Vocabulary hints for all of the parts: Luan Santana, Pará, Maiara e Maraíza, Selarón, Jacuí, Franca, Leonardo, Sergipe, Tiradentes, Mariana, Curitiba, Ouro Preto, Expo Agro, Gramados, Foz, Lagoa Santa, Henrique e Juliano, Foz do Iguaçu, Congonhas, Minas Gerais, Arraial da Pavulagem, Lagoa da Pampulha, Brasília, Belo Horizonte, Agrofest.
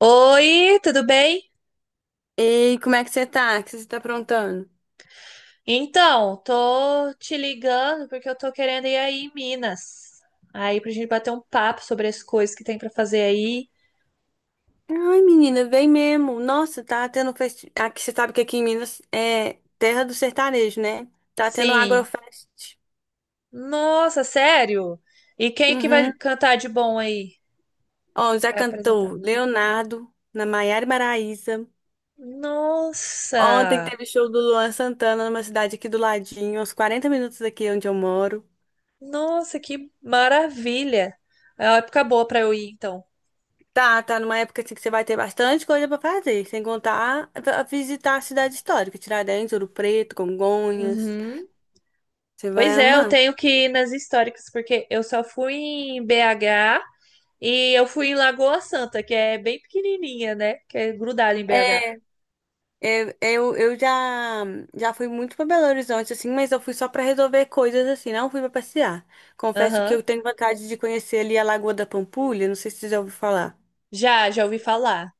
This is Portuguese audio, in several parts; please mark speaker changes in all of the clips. Speaker 1: Oi, tudo bem?
Speaker 2: Ei, como é que você tá? O que você tá aprontando?
Speaker 1: Então, tô te ligando porque eu tô querendo ir aí em Minas. Aí pra gente bater um papo sobre as coisas que tem pra fazer aí.
Speaker 2: Ai, menina, vem mesmo. Nossa, tá tendo aqui, você sabe que aqui em Minas é terra do sertanejo, né? Tá tendo
Speaker 1: Sim.
Speaker 2: Agrofest.
Speaker 1: Nossa, sério? E quem que vai
Speaker 2: Uhum.
Speaker 1: cantar de bom aí?
Speaker 2: Ó,
Speaker 1: Que
Speaker 2: já
Speaker 1: vai apresentar.
Speaker 2: cantou Leonardo, na Maiara e Maraíza. Ontem
Speaker 1: Nossa!
Speaker 2: teve show do Luan Santana numa cidade aqui do ladinho, uns 40 minutos daqui onde eu moro.
Speaker 1: Nossa, que maravilha! É uma época boa pra eu ir, então.
Speaker 2: Tá numa época assim que você vai ter bastante coisa pra fazer, sem contar a visitar a cidade histórica, Tiradentes, Ouro Preto, Congonhas.
Speaker 1: Uhum.
Speaker 2: Você
Speaker 1: Pois
Speaker 2: vai
Speaker 1: é, eu
Speaker 2: amar.
Speaker 1: tenho que ir nas históricas porque eu só fui em BH. E eu fui em Lagoa Santa, que é bem pequenininha, né? Que é grudada em BH.
Speaker 2: É, Eu já fui muito pra Belo Horizonte, assim, mas eu fui só pra resolver coisas, assim, não fui pra passear. Confesso que
Speaker 1: Aham.
Speaker 2: eu tenho vontade de conhecer ali a Lagoa da Pampulha, não sei se você já ouviu falar.
Speaker 1: Já ouvi falar.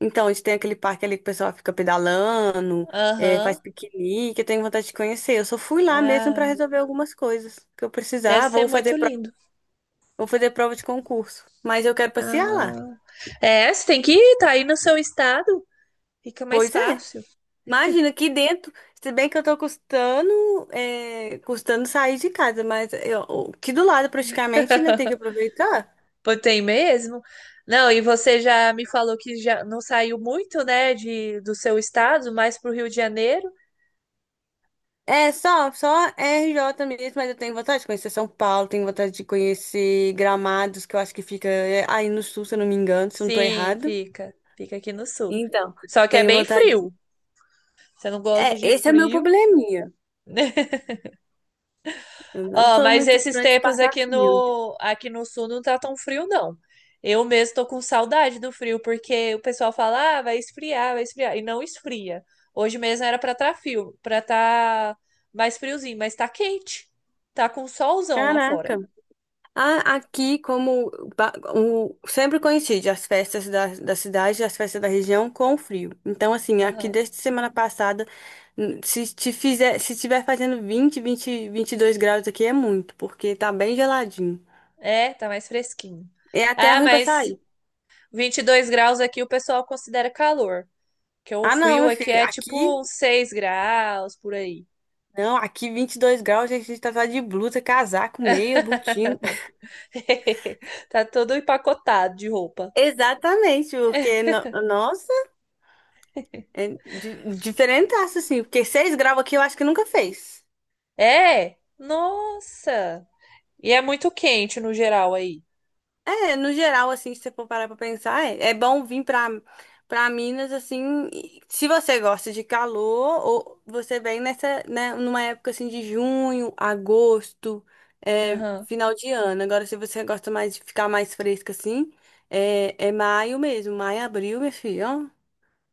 Speaker 2: Então, a gente tem aquele parque ali que o pessoal fica pedalando,
Speaker 1: Aham.
Speaker 2: faz piquenique, eu tenho vontade de conhecer. Eu só fui lá mesmo pra
Speaker 1: Ah,
Speaker 2: resolver algumas coisas que eu
Speaker 1: deve
Speaker 2: precisava,
Speaker 1: ser muito lindo.
Speaker 2: ou fazer prova de concurso. Mas eu quero passear lá.
Speaker 1: Ah. É, você tem que ir, tá aí no seu estado. Fica mais
Speaker 2: Pois é.
Speaker 1: fácil.
Speaker 2: Imagina aqui dentro, se bem que eu tô custando, custando sair de casa, mas eu, aqui do lado praticamente, né, tem que aproveitar.
Speaker 1: Pô, tem mesmo? Não, e você já me falou que já não saiu muito, né, do seu estado, mais pro Rio de Janeiro?
Speaker 2: É só RJ mesmo, mas eu tenho vontade de conhecer São Paulo, tenho vontade de conhecer Gramados, que eu acho que fica aí no sul, se eu não me engano, se eu não tô
Speaker 1: Sim,
Speaker 2: errado.
Speaker 1: fica. Fica aqui no sul.
Speaker 2: Então,
Speaker 1: Só que é
Speaker 2: tenho
Speaker 1: bem
Speaker 2: vontade.
Speaker 1: frio. Você não
Speaker 2: É,
Speaker 1: gosta de
Speaker 2: esse é meu
Speaker 1: frio?
Speaker 2: probleminha. Eu não
Speaker 1: Ó,
Speaker 2: sou
Speaker 1: mas
Speaker 2: muito
Speaker 1: esses
Speaker 2: fã de
Speaker 1: tempos
Speaker 2: passar
Speaker 1: aqui
Speaker 2: frio.
Speaker 1: aqui no sul não tá tão frio, não. Eu mesmo tô com saudade do frio, porque o pessoal fala, ah, vai esfriar, e não esfria. Hoje mesmo era pra tá frio, pra tá mais friozinho, mas tá quente. Tá com solzão lá fora.
Speaker 2: Caraca. Aqui, como sempre coincide as festas da cidade, as festas da região com o frio. Então, assim, aqui
Speaker 1: Aham.
Speaker 2: desde semana passada, n- se te fizer, se estiver fazendo vinte e dois graus aqui é muito, porque tá bem geladinho.
Speaker 1: É, tá mais fresquinho.
Speaker 2: É até
Speaker 1: Ah,
Speaker 2: ruim pra
Speaker 1: mas
Speaker 2: sair.
Speaker 1: 22 graus aqui o pessoal considera calor, que o
Speaker 2: Ah, não,
Speaker 1: frio
Speaker 2: meu
Speaker 1: aqui
Speaker 2: filho,
Speaker 1: é
Speaker 2: aqui,
Speaker 1: tipo uns 6 graus por aí.
Speaker 2: não, aqui 22 graus, a gente tá só de blusa, casaco, meia, botina.
Speaker 1: Tá todo empacotado de roupa.
Speaker 2: Exatamente, porque, nossa, é diferentaço, assim, porque 6 graus aqui eu acho que nunca fez.
Speaker 1: É? Nossa! E é muito quente no geral aí.
Speaker 2: É, no geral, assim, se você for parar pra pensar, é bom vir pra, Minas, assim, e se você gosta de calor, ou você vem nessa, né, numa época, assim, de junho, agosto,
Speaker 1: Aham.
Speaker 2: final de ano. Agora, se você gosta mais de ficar mais fresca, assim, é maio mesmo, maio, abril, meu filho,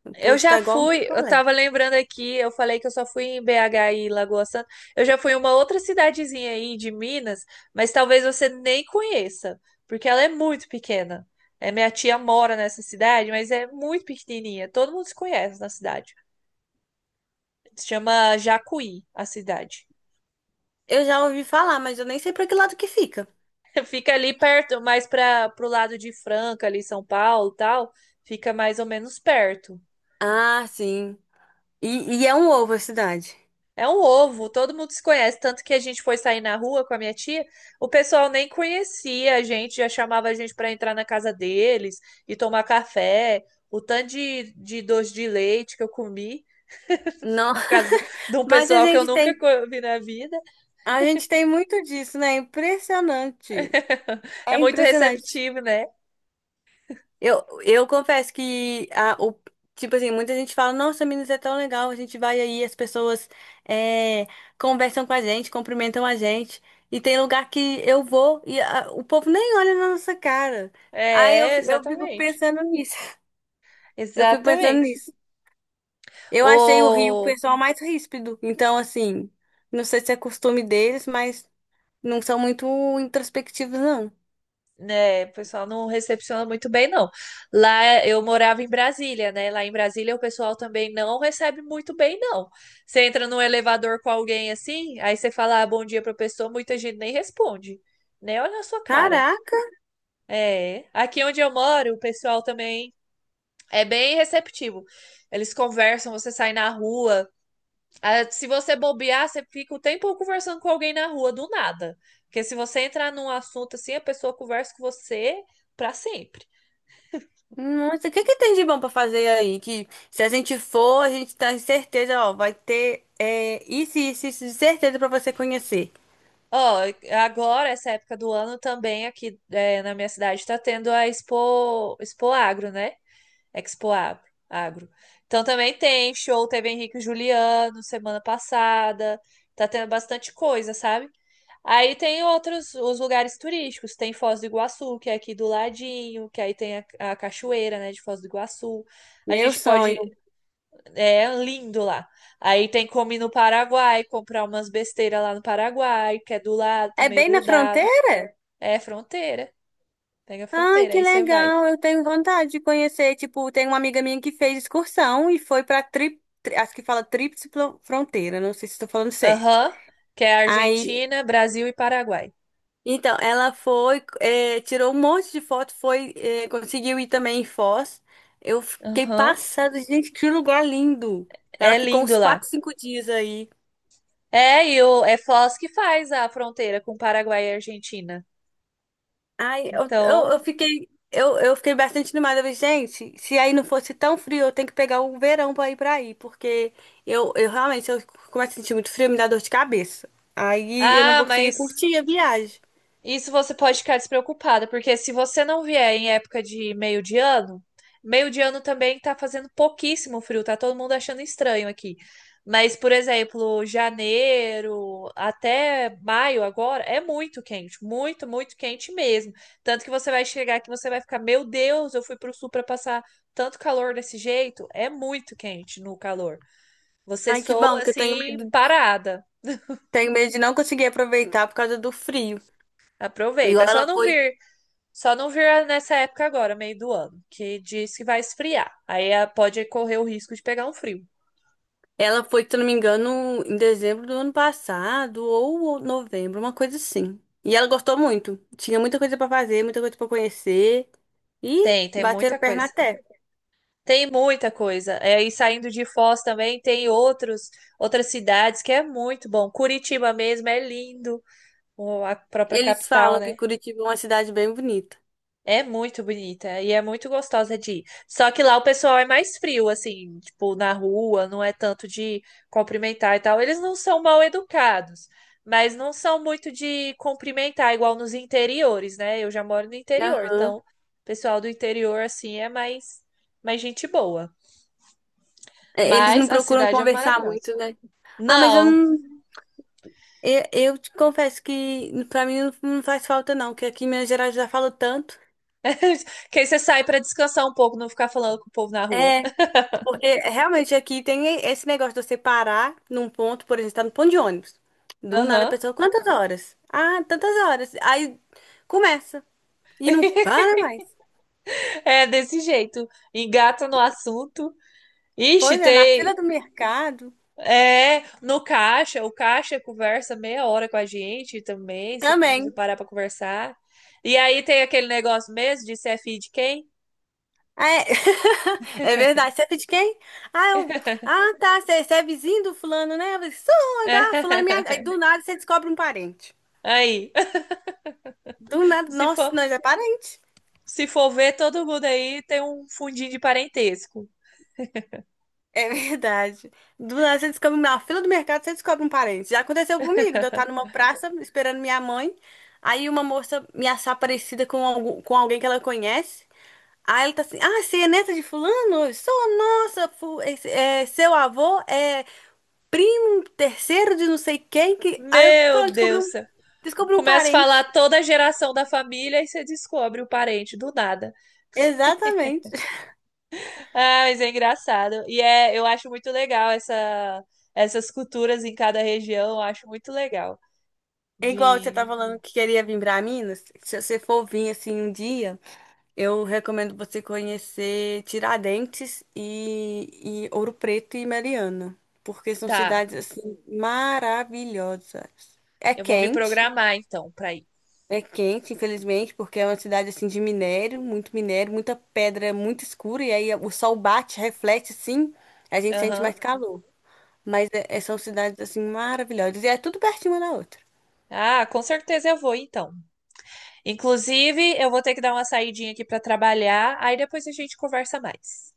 Speaker 2: ó, o
Speaker 1: Eu
Speaker 2: povo
Speaker 1: já
Speaker 2: tá igual um
Speaker 1: fui, eu
Speaker 2: picolé.
Speaker 1: tava lembrando aqui, eu falei que eu só fui em BH e Lagoa Santa. Eu já fui em uma outra cidadezinha aí de Minas, mas talvez você nem conheça, porque ela é muito pequena. É, minha tia mora nessa cidade, mas é muito pequenininha. Todo mundo se conhece na cidade. Se chama Jacuí, a cidade.
Speaker 2: Eu já ouvi falar, mas eu nem sei pra que lado que fica.
Speaker 1: Fica ali perto, mais para pro lado de Franca, ali São Paulo, e tal. Fica mais ou menos perto.
Speaker 2: Ah, sim. E, é um ovo a cidade.
Speaker 1: É um ovo, todo mundo se conhece. Tanto que a gente foi sair na rua com a minha tia, o pessoal nem conhecia a gente, já chamava a gente para entrar na casa deles e tomar café. O tanto de doce de leite que eu comi
Speaker 2: Não,
Speaker 1: na casa de um
Speaker 2: mas a
Speaker 1: pessoal que eu
Speaker 2: gente tem
Speaker 1: nunca vi na vida.
Speaker 2: A gente tem muito disso, né? É impressionante.
Speaker 1: É
Speaker 2: É
Speaker 1: muito
Speaker 2: impressionante.
Speaker 1: receptivo, né?
Speaker 2: Eu confesso que tipo assim, muita gente fala, nossa, Minas é tão legal, a gente vai aí, as pessoas é, conversam com a gente, cumprimentam a gente. E tem lugar que eu vou e o povo nem olha na nossa cara. Aí eu,
Speaker 1: É,
Speaker 2: fi- eu fico
Speaker 1: exatamente.
Speaker 2: pensando nisso. Eu fico pensando
Speaker 1: Exatamente.
Speaker 2: nisso. Eu achei o Rio o
Speaker 1: Ô,
Speaker 2: pessoal mais ríspido. Então, assim, não sei se é costume deles, mas não são muito introspectivos, não.
Speaker 1: né, o pessoal não recepciona muito bem, não. Lá eu morava em Brasília, né? Lá em Brasília o pessoal também não recebe muito bem, não. Você entra num elevador com alguém assim, aí você fala ah, bom dia pra pessoa, muita gente nem responde, né? Olha a sua cara.
Speaker 2: Caraca,
Speaker 1: É. Aqui onde eu moro, o pessoal também é bem receptivo. Eles conversam, você sai na rua. Ah, se você bobear, você fica o tempo conversando com alguém na rua, do nada. Porque se você entrar num assunto assim, a pessoa conversa com você pra sempre.
Speaker 2: nossa, o que que tem de bom pra fazer aí? Que se a gente for, a gente tá em certeza, ó, vai ter isso, isso, isso, de certeza pra você conhecer.
Speaker 1: Ó, agora, essa época do ano também aqui é, na minha cidade tá tendo a Expo, Expo Agro, né? Expo Agro. Agro. Então também tem show, teve Henrique e Juliano semana passada, tá tendo bastante coisa, sabe? Aí tem outros, os lugares turísticos, tem Foz do Iguaçu, que é aqui do ladinho, que aí tem a cachoeira, né, de Foz do Iguaçu. A
Speaker 2: Meu
Speaker 1: gente pode.
Speaker 2: sonho.
Speaker 1: É lindo lá. Aí tem como ir no Paraguai, comprar umas besteiras lá no Paraguai, que é do lado
Speaker 2: É
Speaker 1: também,
Speaker 2: bem na
Speaker 1: grudado.
Speaker 2: fronteira?
Speaker 1: É fronteira. Pega a
Speaker 2: Ai,
Speaker 1: fronteira,
Speaker 2: que
Speaker 1: aí você vai.
Speaker 2: legal, eu tenho vontade de conhecer. Tipo, tem uma amiga minha que fez excursão e foi pra acho que fala tríplice fronteira, não sei se estou falando certo.
Speaker 1: Aham. Que é
Speaker 2: Aí
Speaker 1: Argentina, Brasil e Paraguai.
Speaker 2: Então, ela foi, tirou um monte de foto, foi, conseguiu ir também em Foz. Eu fiquei
Speaker 1: Aham.
Speaker 2: passada, gente, que lugar lindo. Ela
Speaker 1: É
Speaker 2: ficou uns
Speaker 1: lindo lá.
Speaker 2: 4, 5 dias aí.
Speaker 1: É, e o, é Foz que faz a fronteira com Paraguai e Argentina.
Speaker 2: Ai, eu, eu,
Speaker 1: Então.
Speaker 2: eu fiquei, eu, eu fiquei bastante animada. Eu falei, gente, se aí não fosse tão frio, eu tenho que pegar o verão para ir para aí, porque eu realmente, eu começo a sentir muito frio, me dá dor de cabeça. Aí eu não
Speaker 1: Ah,
Speaker 2: vou conseguir
Speaker 1: mas
Speaker 2: curtir a viagem.
Speaker 1: isso você pode ficar despreocupada, porque se você não vier em época de meio de ano também tá fazendo pouquíssimo frio, tá todo mundo achando estranho aqui. Mas, por exemplo, janeiro até maio agora é muito quente, muito, muito quente mesmo. Tanto que você vai chegar aqui, você vai ficar, meu Deus, eu fui pro sul para passar tanto calor desse jeito. É muito quente no calor. Você
Speaker 2: Ai, que bom,
Speaker 1: soa
Speaker 2: porque eu tenho
Speaker 1: assim
Speaker 2: medo,
Speaker 1: parada.
Speaker 2: tenho medo de não conseguir aproveitar por causa do frio.
Speaker 1: Aproveita. É
Speaker 2: Igual
Speaker 1: só
Speaker 2: ela
Speaker 1: não
Speaker 2: foi
Speaker 1: vir. Só não vira nessa época agora, meio do ano, que diz que vai esfriar. Aí ah, pode correr o risco de pegar um frio.
Speaker 2: Ela foi, se eu não me engano, em dezembro do ano passado ou novembro, uma coisa assim. E ela gostou muito. Tinha muita coisa pra fazer, muita coisa pra conhecer e
Speaker 1: Tem
Speaker 2: bateram
Speaker 1: muita
Speaker 2: perna
Speaker 1: coisa.
Speaker 2: até.
Speaker 1: Tem muita coisa. É, e saindo de Foz também tem outros, outras cidades que é muito bom. Curitiba mesmo é lindo, a própria
Speaker 2: Eles
Speaker 1: capital,
Speaker 2: falam que
Speaker 1: né?
Speaker 2: Curitiba é uma cidade bem bonita.
Speaker 1: É muito bonita e é muito gostosa de ir. Só que lá o pessoal é mais frio, assim, tipo, na rua, não é tanto de cumprimentar e tal. Eles não são mal educados, mas não são muito de cumprimentar, igual nos interiores, né? Eu já moro no interior,
Speaker 2: Aham.
Speaker 1: então o pessoal do interior, assim, é mais, gente boa.
Speaker 2: É, eles não
Speaker 1: Mas a
Speaker 2: procuram
Speaker 1: cidade é
Speaker 2: conversar
Speaker 1: maravilhosa.
Speaker 2: muito, né? Ah, mas eu
Speaker 1: Não,
Speaker 2: não. Eu te confesso que pra mim não não faz falta, não, que aqui em Minas Gerais já falo tanto.
Speaker 1: que aí você sai pra descansar um pouco, não ficar falando com o povo na rua.
Speaker 2: é Porque realmente aqui tem esse negócio de você parar num ponto, por exemplo, tá no ponto de ônibus. Do nada a
Speaker 1: Aham.
Speaker 2: pessoa, quantas horas? Ah, tantas horas. Aí começa e não para mais.
Speaker 1: É desse jeito. Engata no assunto. Ixi,
Speaker 2: Pois é, na fila
Speaker 1: tem.
Speaker 2: do mercado
Speaker 1: É, no caixa, o caixa conversa meia hora com a gente também, se
Speaker 2: também.
Speaker 1: parar pra conversar. E aí tem aquele negócio mesmo de ser filho de quem?
Speaker 2: É, é verdade. Você é de quem? Ah, eu... tá. Você é vizinho do fulano, né? Eu falei, Sou, tá. Fulano, é minha... Aí do nada você descobre um parente.
Speaker 1: Aí,
Speaker 2: Do nada,
Speaker 1: se for,
Speaker 2: nossa, nós é parente.
Speaker 1: se for ver, todo mundo aí tem um fundinho de parentesco.
Speaker 2: É verdade. Do nada você descobre, na fila do mercado, você descobre um parente. Já aconteceu comigo, de eu estar numa praça esperando minha mãe, aí uma moça me achar parecida com alguém que ela conhece. Aí ela tá assim: Ah, você é neta de fulano? Sou, nossa, seu avô é primo terceiro de não sei quem. Aí eu,
Speaker 1: Meu
Speaker 2: pronto, descobri
Speaker 1: Deus,
Speaker 2: um,
Speaker 1: do céu.
Speaker 2: descobri um
Speaker 1: Começa a
Speaker 2: parente.
Speaker 1: falar toda a geração da família e você descobre o parente do nada.
Speaker 2: Exatamente.
Speaker 1: Ah, mas é engraçado. E é, eu acho muito legal essas culturas em cada região, eu acho muito legal.
Speaker 2: É igual você
Speaker 1: De,
Speaker 2: tá falando que queria vir pra Minas. Se você for vir assim um dia. Eu recomendo você conhecer Tiradentes e Ouro Preto e Mariana, porque são
Speaker 1: tá,
Speaker 2: cidades assim maravilhosas. É
Speaker 1: eu vou me
Speaker 2: quente,
Speaker 1: programar então pra ir.
Speaker 2: é quente, infelizmente, porque é uma cidade assim de minério, muito minério, muita pedra, muito escura e aí o sol bate, reflete, sim, a gente sente
Speaker 1: Aham.
Speaker 2: mais calor. Mas são cidades assim maravilhosas e é tudo pertinho uma da outra.
Speaker 1: Ah, com certeza eu vou então. Inclusive, eu vou ter que dar uma saidinha aqui pra trabalhar, aí depois a gente conversa mais.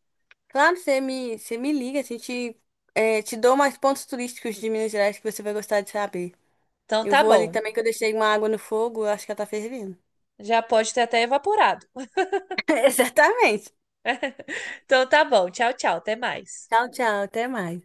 Speaker 2: Claro, você me liga, te dou mais pontos turísticos de Minas Gerais que você vai gostar de saber.
Speaker 1: Então
Speaker 2: Eu
Speaker 1: tá
Speaker 2: vou ali
Speaker 1: bom.
Speaker 2: também que eu deixei uma água no fogo, eu acho que ela tá fervendo.
Speaker 1: Já pode ter até evaporado.
Speaker 2: Exatamente.
Speaker 1: Então tá bom. Tchau, tchau. Até mais.
Speaker 2: Tchau, tchau, até mais.